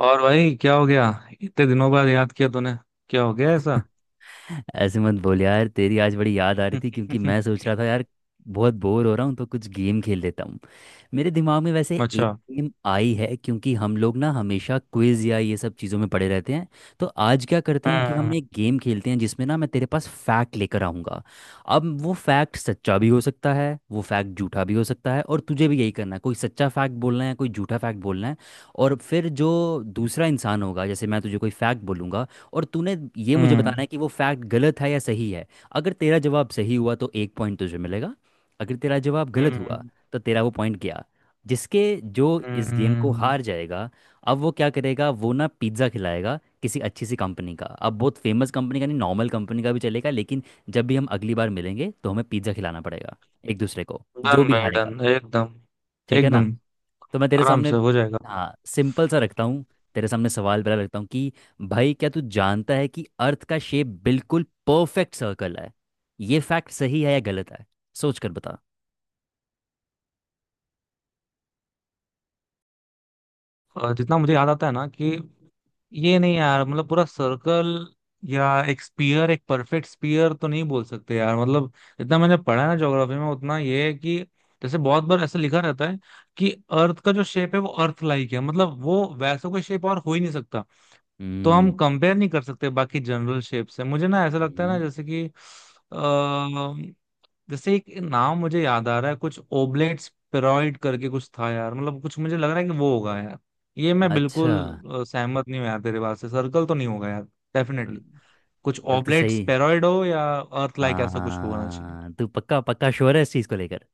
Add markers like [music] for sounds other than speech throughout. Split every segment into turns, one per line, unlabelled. और भाई क्या हो गया। इतने दिनों बाद याद किया तूने। क्या हो गया ऐसा।
ऐसे मत बोल यार। तेरी आज बड़ी याद आ रही थी क्योंकि मैं सोच
[laughs]
रहा था यार बहुत बोर हो रहा हूँ तो कुछ गेम खेल लेता हूँ। मेरे दिमाग में वैसे एक
अच्छा।
गेम आई है क्योंकि हम लोग ना हमेशा क्विज या ये सब चीज़ों में पड़े रहते हैं। तो आज क्या करते हैं कि हम
हम्म।
एक गेम खेलते हैं जिसमें ना मैं तेरे पास फैक्ट लेकर आऊँगा। अब वो फैक्ट सच्चा भी हो सकता है, वो फैक्ट झूठा भी हो सकता है, और तुझे भी यही करना है, कोई सच्चा फैक्ट बोलना है कोई झूठा फैक्ट बोलना है। और फिर जो दूसरा इंसान होगा, जैसे मैं तुझे कोई फैक्ट बोलूँगा और तूने ये मुझे
हम्म।
बताना है कि वो फैक्ट गलत है या सही है। अगर तेरा जवाब सही हुआ तो एक पॉइंट तुझे मिलेगा, अगर तेरा जवाब गलत हुआ
हम्म।
तो तेरा वो पॉइंट गया। जिसके जो इस गेम को
हम्म।
हार जाएगा, अब वो क्या करेगा, वो ना पिज्ज़ा खिलाएगा किसी अच्छी सी कंपनी का, अब बहुत फेमस कंपनी का नहीं नॉर्मल कंपनी का भी चलेगा, लेकिन जब भी हम अगली बार मिलेंगे तो हमें पिज्ज़ा खिलाना पड़ेगा एक दूसरे को, जो
डन
भी
भाई
हारेगा।
डन एकदम।
ठीक है ना।
एकदम
तो मैं तेरे
आराम
सामने,
से हो जाएगा अपना।
हाँ, सिंपल सा रखता हूँ। तेरे सामने सवाल पहला रखता हूँ कि भाई क्या तू जानता है कि अर्थ का शेप बिल्कुल परफेक्ट सर्कल है? ये फैक्ट सही है या गलत है? सोच कर बता।
और जितना मुझे याद आता है ना कि ये नहीं यार, मतलब पूरा सर्कल या एक स्पीयर, एक परफेक्ट स्पीयर तो नहीं बोल सकते यार। मतलब जितना मैंने पढ़ा है ना ज्योग्राफी में उतना ये है कि जैसे बहुत बार ऐसा लिखा रहता है कि अर्थ का जो शेप है वो अर्थ लाइक है। मतलब वो वैसा कोई शेप और हो ही नहीं सकता, तो हम
हम्म
कंपेयर नहीं कर सकते बाकी जनरल शेप से। मुझे ना ऐसा लगता है ना,
हम्म।
जैसे कि अ, जैसे एक नाम मुझे याद आ रहा है, कुछ ओबलेट स्पेरॉइड करके कुछ था यार। मतलब कुछ मुझे लग रहा है कि वो होगा यार। ये मैं
अच्छा,
बिल्कुल सहमत नहीं हूँ यार तेरे बात से। सर्कल तो नहीं होगा यार, डेफिनेटली।
गलत।
कुछ
तो
ओबलेट
सही।
स्पेरॉइड हो या अर्थ लाइक ऐसा कुछ होना चाहिए।
हाँ तू पक्का पक्का श्योर है इस चीज को लेकर?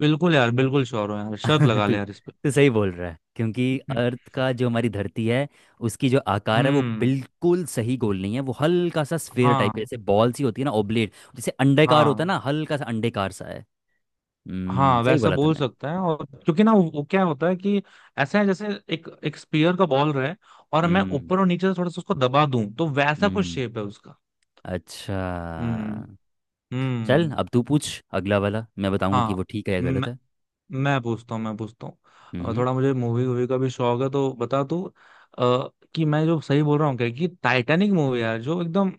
बिल्कुल यार, बिल्कुल श्योर हो यार, शर्त
[laughs]
लगा ले
तू
यार इस पे।
तू सही बोल रहा है क्योंकि
हम्म।
अर्थ का, जो हमारी धरती है, उसकी जो आकार है वो
हम्म,
बिल्कुल सही गोल नहीं है, वो हल्का सा स्फेयर टाइप है,
हाँ।
जैसे बॉल सी होती है ना, ओब्लेट जैसे अंडाकार होता है
हाँ।
ना, हल्का सा अंडेकार सा है। हम्म,
हाँ
सही
वैसा
बोला
बोल
तूने।
सकते हैं। और क्योंकि ना वो क्या होता है कि ऐसा है जैसे एक एक स्पीयर का बॉल रहे, और मैं
हम्म
ऊपर और नीचे से थोड़ा सा उसको दबा दूं तो वैसा कुछ
हम्म
शेप है उसका।
अच्छा।
हम्म।
चल
हम्म।
अब तू पूछ, अगला वाला मैं बताऊंगा कि
हाँ।
वो ठीक है या गलत
मैं
है।
मैं पूछता हूँ,
हम्म
थोड़ा मुझे मूवी वूवी का भी शौक है, तो बता तू कि मैं जो सही बोल रहा हूँ क्या कि टाइटैनिक मूवी यार जो एकदम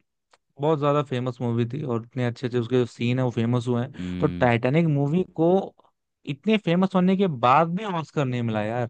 बहुत ज्यादा फेमस मूवी थी, और इतने अच्छे अच्छे उसके जो सीन है वो फेमस हुए हैं, तो
हम्म,
टाइटैनिक मूवी को इतने फेमस होने के बाद भी ऑस्कर नहीं मिला यार।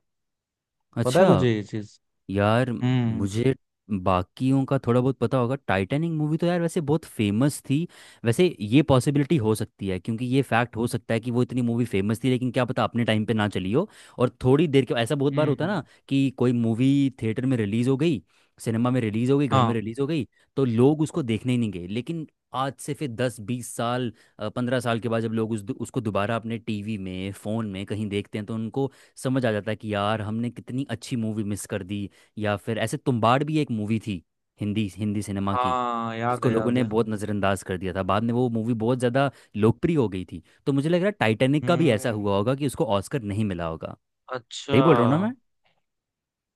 पता है
अच्छा
तुझे ये चीज
यार,
हम्म।
मुझे बाकियों का थोड़ा बहुत पता होगा, टाइटैनिक मूवी तो यार वैसे बहुत फेमस थी। वैसे ये पॉसिबिलिटी हो सकती है क्योंकि ये फैक्ट हो सकता है कि वो इतनी मूवी फेमस थी लेकिन क्या पता अपने टाइम पे ना चली हो। और थोड़ी देर के, ऐसा बहुत बार होता है ना
हम्म।
कि कोई मूवी थिएटर में रिलीज हो गई, सिनेमा में रिलीज हो गई, घर में
हाँ
रिलीज हो गई, तो लोग उसको देखने ही नहीं गए, लेकिन आज से फिर दस बीस साल, 15 साल के बाद जब लोग उस उसको दोबारा अपने टीवी में फ़ोन में कहीं देखते हैं तो उनको समझ आ जाता है कि यार हमने कितनी अच्छी मूवी मिस कर दी। या फिर ऐसे तुम्बाड़ भी एक मूवी थी हिंदी हिंदी सिनेमा की,
हाँ, याद
जिसको
है,
लोगों
याद
ने
है।
बहुत नज़रअंदाज कर दिया था, बाद में वो मूवी बहुत ज़्यादा लोकप्रिय हो गई थी। तो मुझे लग रहा है टाइटैनिक का भी ऐसा
हम्म।
हुआ होगा कि उसको ऑस्कर नहीं मिला होगा।
अच्छा।
सही बोल रहा हूँ ना मैं?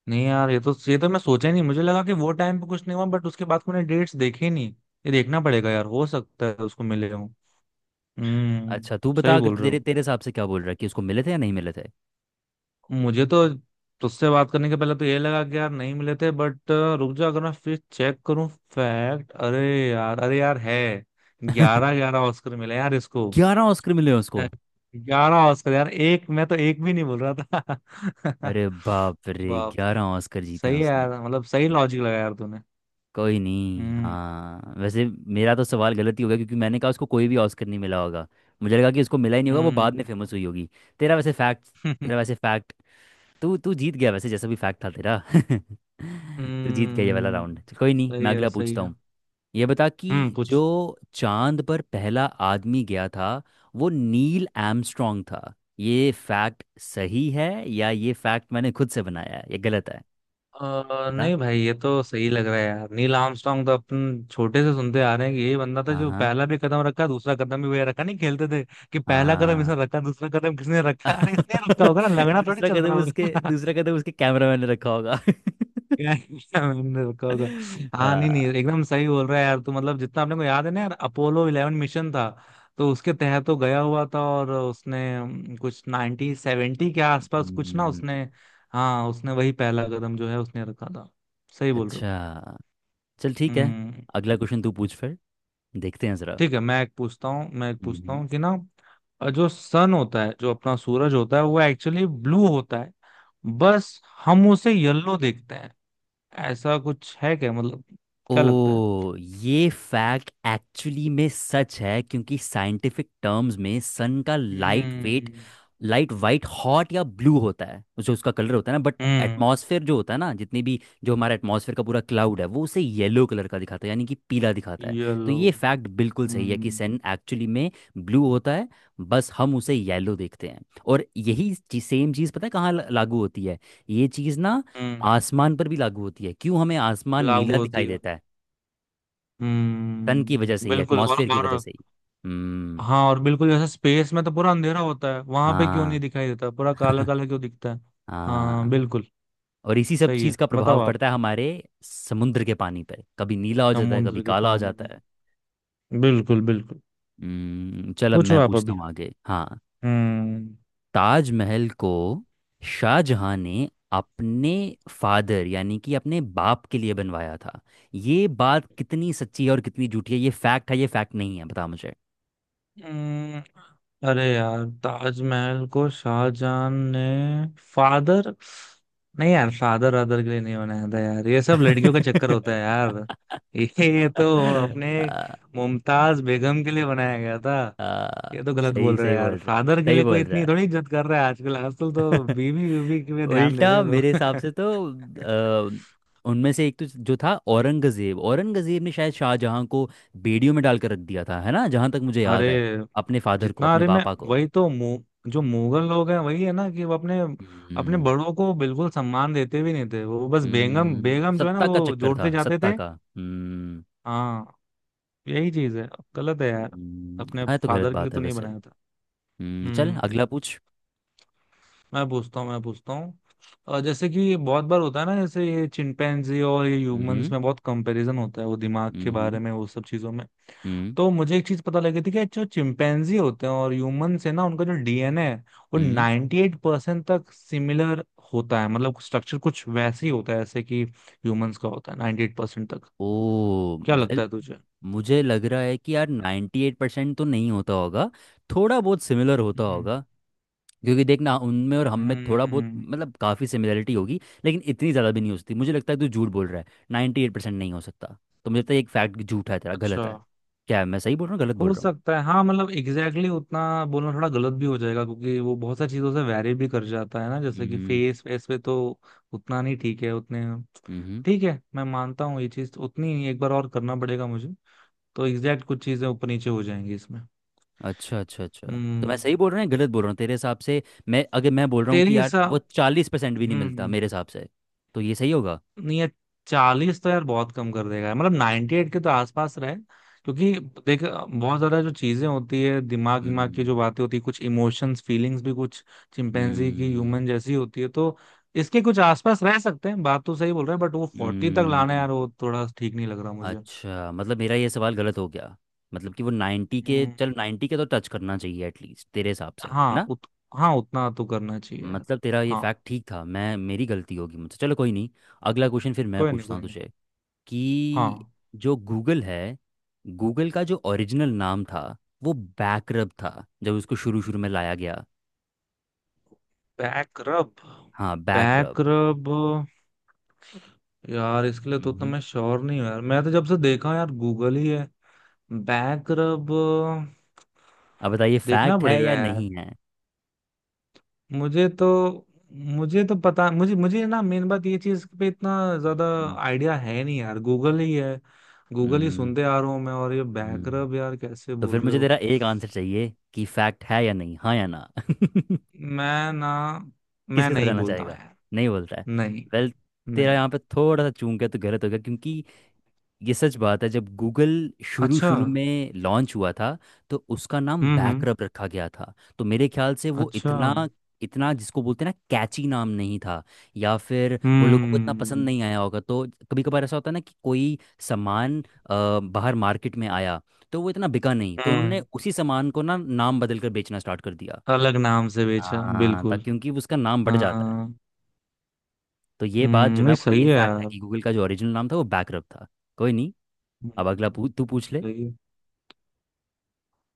नहीं यार, ये तो मैं सोचा ही नहीं। मुझे लगा कि वो टाइम पे कुछ नहीं हुआ, बट उसके बाद मैंने डेट्स देखे ही नहीं। ये देखना पड़ेगा यार, हो सकता है उसको मिले हूँ। हम्म।
अच्छा तू बता,
सही
अगर
बोल रहे
तेरे
हो।
तेरे हिसाब से क्या बोल रहा है कि उसको मिले थे या नहीं मिले थे।
मुझे तो तुझसे बात करने के पहले तो ये लगा कि यार नहीं मिले थे, बट रुक जा, अगर मैं फिर चेक करूँ। फैक्ट, अरे यार, अरे यार है।
[laughs]
ग्यारह ग्यारह ऑस्कर मिले यार इसको।
11 ऑस्कर मिले हैं उसको।
ग्यारह ऑस्कर यार, एक मैं तो एक भी नहीं बोल रहा था।
अरे बाप
[laughs]
रे,
बाप रे।
11 ऑस्कर जीते हैं
सही है
उसने!
यार, मतलब सही लॉजिक लगाया यार तूने।
कोई नहीं,
हम्म।
हाँ वैसे मेरा तो सवाल गलत ही होगा क्योंकि मैंने कहा उसको कोई भी ऑस्कर नहीं मिला होगा, मुझे लगा कि उसको मिला ही नहीं होगा, वो बाद
हम्म।
में फेमस हुई होगी। तेरा वैसे फैक्ट तेरा
[laughs]
वैसे फैक्ट, तू तू जीत गया, वैसे जैसा भी फैक्ट था तेरा। [laughs] तू जीत गया ये वाला
हम्म।
राउंड। चल, कोई नहीं,
सही
मैं
है,
अगला
सही
पूछता
है।
हूँ। ये बता
हम्म।
कि
कुछ
जो चांद पर पहला आदमी गया था वो नील आर्मस्ट्रॉन्ग था, ये फैक्ट सही है या ये फैक्ट मैंने खुद से बनाया है, ये गलत है, बता।
नहीं भाई ये तो सही लग रहा है यार। नील आर्मस्ट्रांग तो अपन छोटे से सुनते आ रहे हैं कि यही बंदा था,
हाँ
जो
हाँ
पहला भी कदम रखा दूसरा कदम भी वही रखा, नहीं खेलते थे कि पहला कदम इसने
हाँ।
रखा दूसरा कदम किसने रखा। अरे इसने रखा होगा ना,
[laughs]
लगना थोड़ी
दूसरा
चल
कदम
रहा
उसके,
होगा।
दूसरा कदम उसके कैमरामैन ने रखा होगा।
[laughs] क्या, क्या मैंने रखा होगा?
[laughs] आ,
हाँ नहीं नहीं एकदम सही बोल रहा है यार तू। मतलब जितना अपने को याद है ना यार, अपोलो 11 मिशन था तो उसके तहत तो गया हुआ था। और उसने कुछ 1970 के आसपास कुछ ना
हम्म,
उसने, हाँ उसने वही पहला कदम जो है उसने रखा था। सही बोल रहे हो।
अच्छा चल ठीक है,
हम्म।
अगला क्वेश्चन तू पूछ फिर, देखते हैं
ठीक है, मैं एक पूछता हूँ मैं एक पूछता
जरा।
हूँ कि ना जो सन होता है, जो अपना सूरज होता है, वो एक्चुअली ब्लू होता है, बस हम उसे येलो देखते हैं। ऐसा कुछ है क्या, मतलब क्या लगता है?
ओ, ये फैक्ट एक्चुअली में सच है क्योंकि साइंटिफिक टर्म्स में सन का
हम्म।
लाइट वाइट हॉट या ब्लू होता है, जो उसका कलर होता है ना, बट
हम्म।
एटमॉस्फेयर जो होता है ना, जितनी भी, जो हमारा एटमॉस्फेयर का पूरा क्लाउड है वो उसे येलो कलर का दिखाता है, यानी कि पीला दिखाता है। तो
येलो।
ये फैक्ट बिल्कुल सही है कि
हम्म।
सन एक्चुअली में ब्लू होता है, बस हम उसे येलो देखते हैं। और यही सेम चीज़ पता है कहाँ लागू होती है, ये चीज़ ना
हम्म
आसमान पर भी लागू होती है, क्यों हमें आसमान
लागू
नीला
होती
दिखाई
है।
देता है, सन की वजह से ही,
बिल्कुल। और
एटमॉस्फेयर की वजह
और
से ही। हम्म,
हाँ, और बिल्कुल जैसे स्पेस में तो पूरा अंधेरा होता है वहां पे, क्यों नहीं
हाँ
दिखाई देता, पूरा काला काला क्यों दिखता है। हाँ
हाँ।
बिल्कुल।
और इसी सब
सही
चीज़
है,
का
बताओ
प्रभाव
आप।
पड़ता है हमारे समुद्र के पानी पर, कभी नीला हो जाता है कभी
समुद्र के
काला हो
पानी
जाता
में
है।
बिल्कुल, बिल्कुल।
हम्म, चल अब
पूछो
मैं
आप
पूछता
अभी।
हूँ आगे। हाँ,
हम्म।
ताजमहल को शाहजहां ने अपने फादर यानी कि अपने बाप के लिए बनवाया था, ये बात कितनी सच्ची है और कितनी झूठी है, ये फैक्ट है ये फैक्ट नहीं है, बता मुझे।
हम्म, अरे यार ताजमहल को शाहजहां ने फादर, नहीं यार, फादर अदर के लिए नहीं बनाया था यार, ये सब लड़कियों का चक्कर होता है यार। [laughs] ये तो अपने
[laughs]
मुमताज बेगम के लिए बनाया गया था।
हाँ,
ये तो गलत
सही
बोल रहे
सही
हैं यार,
बोल रहा है,
फादर के
सही
लिए कोई
बोल रहा
इतनी थोड़ी इज्जत कर रहा है। आजकल आजकल
है।
तो
[laughs]
बीवी बीवी के लिए ध्यान दे रहे
उल्टा
हैं
मेरे हिसाब
लोग।
से तो,
[laughs]
उनमें से एक तो जो था औरंगजेब, औरंगजेब ने शायद शाहजहां को बेड़ियों में डालकर रख दिया था, है ना, जहां तक मुझे
अरे
याद है, अपने फादर को,
जितना,
अपने
अरे मैं,
पापा को।
वही तो जो मुगल लोग हैं वही है ना, कि वो अपने, अपने
हम्म,
बड़ों को बिल्कुल सम्मान देते भी नहीं थे। वो बस बेगम बेगम जो है ना
सत्ता का
वो
चक्कर
जोड़ते
था,
जाते
सत्ता
थे।
का। हम्म,
हाँ, यही चीज है, गलत है यार। अपने
हाँ ये तो गलत
फादर के लिए
बात
तो
है
नहीं
वैसे।
बनाया था।
हम्म, चल
हम्म।
अगला पूछ।
मैं पूछता हूँ और जैसे कि ये बहुत बार होता है ना, जैसे ये चिंपैंजी और ये ह्यूमंस
हम्म
में बहुत कंपैरिजन होता है, वो दिमाग के बारे
हम्म
में वो सब चीजों में।
हम्म
तो मुझे एक चीज पता लगी थी कि जो चिंपैंजी होते हैं और ह्यूमन से ना उनका जो डीएनए है वो
हम्म
98% परसेंट तक सिमिलर होता है। मतलब स्ट्रक्चर कुछ वैसे ही होता है जैसे कि ह्यूमंस का होता है, 98% परसेंट तक।
ओ
क्या
वेल,
लगता है तुझे?
मुझे लग रहा है कि यार 98% तो नहीं होता होगा, थोड़ा बहुत सिमिलर होता
हम्म।
होगा, क्योंकि देखना उनमें और हम में थोड़ा बहुत
हम्म,
मतलब काफ़ी सिमिलरिटी होगी, लेकिन इतनी ज़्यादा भी नहीं हो सकती, मुझे लगता है तू झूठ बोल रहा है, 98% नहीं हो सकता, तो मुझे लगता है एक फैक्ट झूठा है तेरा,
अच्छा।
गलत है। क्या मैं सही बोल रहा हूँ गलत बोल
हो
रहा हूँ?
सकता है हाँ, मतलब एग्जैक्टली exactly उतना बोलना थोड़ा गलत भी हो जाएगा, क्योंकि वो बहुत सारी चीजों से वैरी भी कर जाता है ना, जैसे कि
हम्म,
फेस फेस पे तो उतना नहीं। ठीक है उतने,
हम्म,
ठीक है मैं मानता हूँ ये चीज उतनी नहीं, एक बार और करना पड़ेगा मुझे। तो एग्जैक्ट कुछ चीजें ऊपर नीचे हो जाएंगी इसमें।
अच्छा अच्छा अच्छा। तो मैं
हम्म।
सही बोल रहा हूँ या गलत बोल रहा हूँ तेरे हिसाब से? मैं अगर मैं बोल रहा हूँ
तेरे
कि यार वो
हिसाब।
40% भी नहीं मिलता मेरे
हम्म।
हिसाब से, तो ये सही होगा।
नहीं ये, 40 तो यार बहुत कम कर देगा, मतलब 98 के तो आसपास रहे, क्योंकि देख बहुत ज्यादा जो चीजें होती है, दिमाग दिमाग की जो बातें होती है, कुछ इमोशंस फीलिंग्स भी कुछ चिंपैंजी की
हम्म,
ह्यूमन जैसी होती है। तो इसके कुछ आसपास रह सकते हैं, बात तो सही बोल रहे हैं, बट वो 40 तक लाना
हम्म,
यार वो थोड़ा ठीक नहीं लग रहा मुझे।
अच्छा मतलब मेरा ये सवाल गलत हो गया, मतलब कि वो 90 के,
हम्म,
चल 90 के तो टच करना चाहिए एटलीस्ट तेरे हिसाब से, है
हाँ
ना।
हाँ उतना तो करना चाहिए यार।
मतलब तेरा ये
हाँ।
फैक्ट ठीक था, मैं मेरी गलती होगी मुझसे, चलो कोई नहीं। अगला क्वेश्चन फिर मैं
कोई नहीं,
पूछता
कोई
हूँ
नहीं।
तुझे, कि
हाँ।
जो गूगल है, गूगल का जो ओरिजिनल नाम था वो बैकरब था जब उसको शुरू शुरू में लाया गया।
बैक रब।
हाँ
बैक
बैकरब।
रब यार, इसके लिए तो
हम्म,
मैं श्योर नहीं हूँ यार, मैं तो जब से देखा यार गूगल ही है। Back rub.
अब बताइए
देखना
फैक्ट है
पड़ेगा
या
यार।
नहीं है।
मुझे तो मुझे तो पता, मुझे मुझे ना मेन बात ये चीज पे इतना ज्यादा
हम्म,
आइडिया है नहीं यार, गूगल ही है, गूगल ही
हम्म,
सुनते आ रहा हूँ मैं, और ये बैक
हम्म,
रब यार कैसे
तो
बोल
फिर
रहे
मुझे
हो।
तेरा एक आंसर चाहिए कि फैक्ट है या नहीं, हाँ या ना? [laughs] किसके
मैं ना मैं
साथ
नहीं
जाना
बोलता हूँ
चाहेगा?
यार।
नहीं बोलता है।
नहीं।
वेल, तेरा
नहीं।
यहाँ पे थोड़ा सा चूक गया तो गलत हो गया, क्योंकि ये सच बात है। जब गूगल शुरू
अच्छा।
शुरू में लॉन्च हुआ था तो उसका नाम
हम्म। हम्म।
बैकरप रखा गया था, तो मेरे ख्याल से वो
अच्छा।
इतना इतना जिसको बोलते हैं ना कैची नाम नहीं था, या फिर वो लोगों को इतना पसंद
हम्म।
नहीं आया होगा तो। कभी कभार ऐसा होता है ना कि कोई सामान बाहर मार्केट में आया, तो वो इतना बिका नहीं, तो उन्होंने
हम्म।
उसी सामान को ना नाम बदल कर बेचना स्टार्ट कर दिया।
अलग नाम से बेचा
हाँ, ता
बिल्कुल।
क्योंकि उसका नाम बढ़ जाता है।
हाँ।
तो ये बात
हम्म।
जो मैं
नहीं
बोल रहा हूँ,
सही
ये
है
फैक्ट है
यार।
कि गूगल का जो ओरिजिनल नाम था वो बैकरप था। कोई नहीं, अब
हम्म,
तू पूछ ले।
सही है।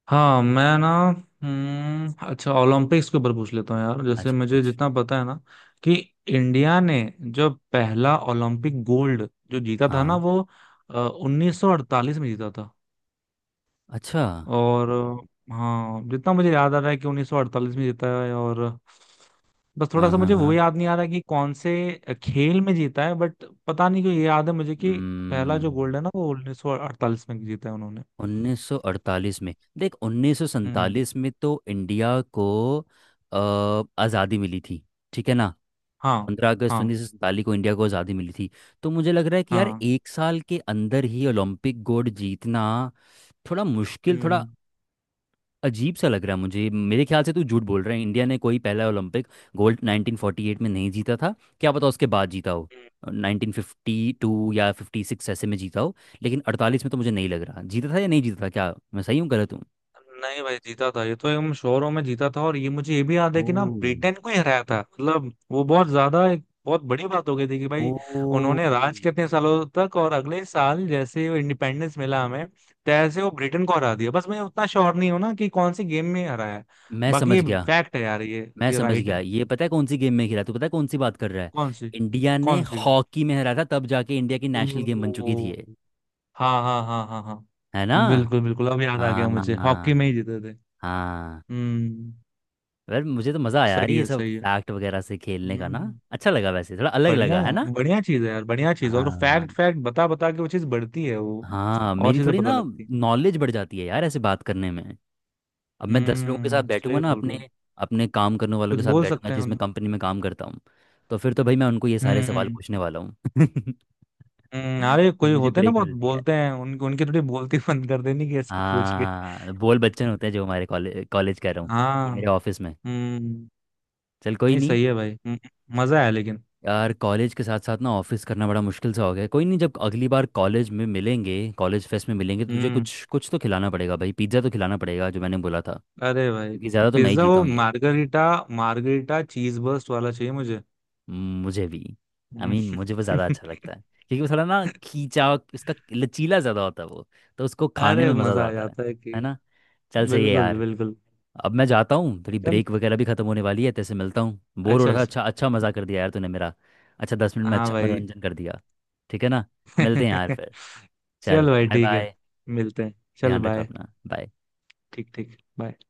हाँ मैं ना हम्म, अच्छा ओलंपिक्स के ऊपर पूछ लेता हूँ यार। जैसे
अच्छा
मुझे
कुछ।
जितना पता है ना कि इंडिया ने जो पहला ओलंपिक गोल्ड जो जीता था ना,
हाँ,
वो 1948 में जीता था।
अच्छा।
और हाँ, जितना मुझे याद आ रहा है कि 1948 में जीता है, और बस थोड़ा
हाँ
सा
हाँ
मुझे वो
हाँ।
याद नहीं आ रहा कि कौन से खेल में जीता है, बट पता नहीं क्यों ये याद है मुझे कि पहला जो गोल्ड
हम्म,
है ना वो 1948 में जीता है उन्होंने।
1948 में? देख,
हम्म।
1947 में तो इंडिया को आज़ादी मिली थी, ठीक है ना,
हाँ
पंद्रह अगस्त
हाँ
उन्नीस सौ सैंतालीस को इंडिया को आज़ादी मिली थी। तो मुझे लग रहा है कि यार
हाँ।
1 साल के अंदर ही ओलंपिक गोल्ड जीतना थोड़ा मुश्किल, थोड़ा
हम्म।
अजीब सा लग रहा है मुझे, मेरे ख्याल से तू झूठ बोल रहा है, इंडिया ने कोई पहला ओलंपिक गोल्ड 1948 में नहीं जीता था। क्या पता उसके बाद जीता हो, 1952 या 56 ऐसे में जीता हो, लेकिन 48 में तो मुझे नहीं लग रहा जीता था या नहीं जीता था, क्या मैं सही हूँ गलत हूँ?
नहीं भाई जीता था, ये तो एकदम शोरों में जीता था, और ये मुझे ये भी याद है कि ना,
ओह,
ब्रिटेन को ही हराया था। मतलब वो बहुत ज्यादा एक बहुत बड़ी बात हो गई थी कि
ओ,
भाई उन्होंने राज कितने सालों तक, और अगले साल जैसे वो इंडिपेंडेंस मिला हमें तैसे वो ब्रिटेन को हरा दिया। बस मैं उतना श्योर नहीं हूं ना कि कौन सी गेम में हराया है।
मैं
बाकी ये
समझ गया,
फैक्ट है यार ये
मैं
ये
समझ
राइट
गया,
है।
ये पता है कौन सी गेम में खेला, तू पता है कौन सी बात कर रहा है,
कौन सी,
इंडिया ने
कौन सी गेम?
हॉकी में हरा था, तब जाके इंडिया की नेशनल गेम बन चुकी थी
ओ
ये,
हाँ हाँ हाँ हाँ
है ना?
हाँ, बिल्कुल बिल्कुल, अब याद आ गया मुझे, हॉकी में
हाँ,
ही जीते थे।
हाँ।
हम्म।
यार मुझे तो मज़ा आया यार
सही
ये
है,
सब
सही है।
फैक्ट वगैरह से खेलने का ना,
हम्म।
अच्छा लगा वैसे, थोड़ा अलग
बढ़िया
लगा, है ना।
है, बढ़िया चीज है यार, बढ़िया चीज है। और
हाँ,
फैक्ट फैक्ट बता बता के वो चीज बढ़ती है वो
हाँ
और
मेरी
चीजें
थोड़ी
पता
ना
लगती है।
नॉलेज बढ़ जाती है यार ऐसे बात करने में। अब मैं 10 लोगों के साथ
हम्म,
बैठूंगा
सही
ना,
बोल रहे
अपने
हो।
अपने काम करने वालों के
कुछ
साथ
बोल
बैठूंगा
सकते हैं
जिसमें
उनमें।
कंपनी में काम करता हूँ, तो फिर तो भाई मैं उनको ये सारे
हम्म।
सवाल
हम्म।
पूछने वाला हूँ। [laughs]
अरे
जब
कोई
मुझे
होते हैं ना
ब्रेक
बहुत
मिलती है।
बोलते हैं, उनकी उनकी थोड़ी बोलती [laughs] बंद कर देनी कि ऐसे पूछ के।
हाँ बोल बच्चन होते हैं जो हमारे, कॉलेज कॉलेज कर रहा हूँ, ये
हाँ।
मेरे ऑफिस में।
हम्म।
चल कोई
नहीं
नहीं।
सही है भाई। मजा आया लेकिन।
यार कॉलेज के साथ साथ ना ऑफिस करना बड़ा मुश्किल सा हो गया है। कोई नहीं, जब अगली बार कॉलेज में मिलेंगे, कॉलेज फेस्ट में मिलेंगे, तो तुझे
हम्म।
कुछ कुछ तो खिलाना पड़ेगा भाई, पिज्ज़ा तो खिलाना पड़ेगा जो मैंने बोला था,
अरे भाई।
क्योंकि ज़्यादा तो मैं ही
पिज्जा
जीता
वो
हूँ ये।
मार्गरीटा, मार्गरीटा चीज बर्स्ट वाला चाहिए मुझे।
मुझे भी। I I
hmm,
mean mean, मुझे वो ज़्यादा अच्छा
[laughs]
लगता है क्योंकि वो थोड़ा ना खींचा इसका लचीला ज़्यादा होता है वो, तो उसको खाने
अरे
में मज़ा
मजा आ
आता है
जाता है कि,
है ना। चल सही है
बिल्कुल
यार,
बिल्कुल।
अब मैं जाता हूँ, तेरी ब्रेक वगैरह भी खत्म होने वाली है, तेरे से मिलता हूँ, बोर हो
अच्छा
रहा था,
अच्छा।
अच्छा अच्छा मजा कर दिया यार तूने मेरा, अच्छा 10 मिनट में
हाँ
अच्छा
भाई।
मनोरंजन कर दिया, ठीक है ना। मिलते हैं यार
[laughs]
फिर, चल
चल भाई
बाय
ठीक है।
बाय,
मिलते हैं, चल
ध्यान रखा
बाय।
अपना, बाय।
ठीक ठीक bye।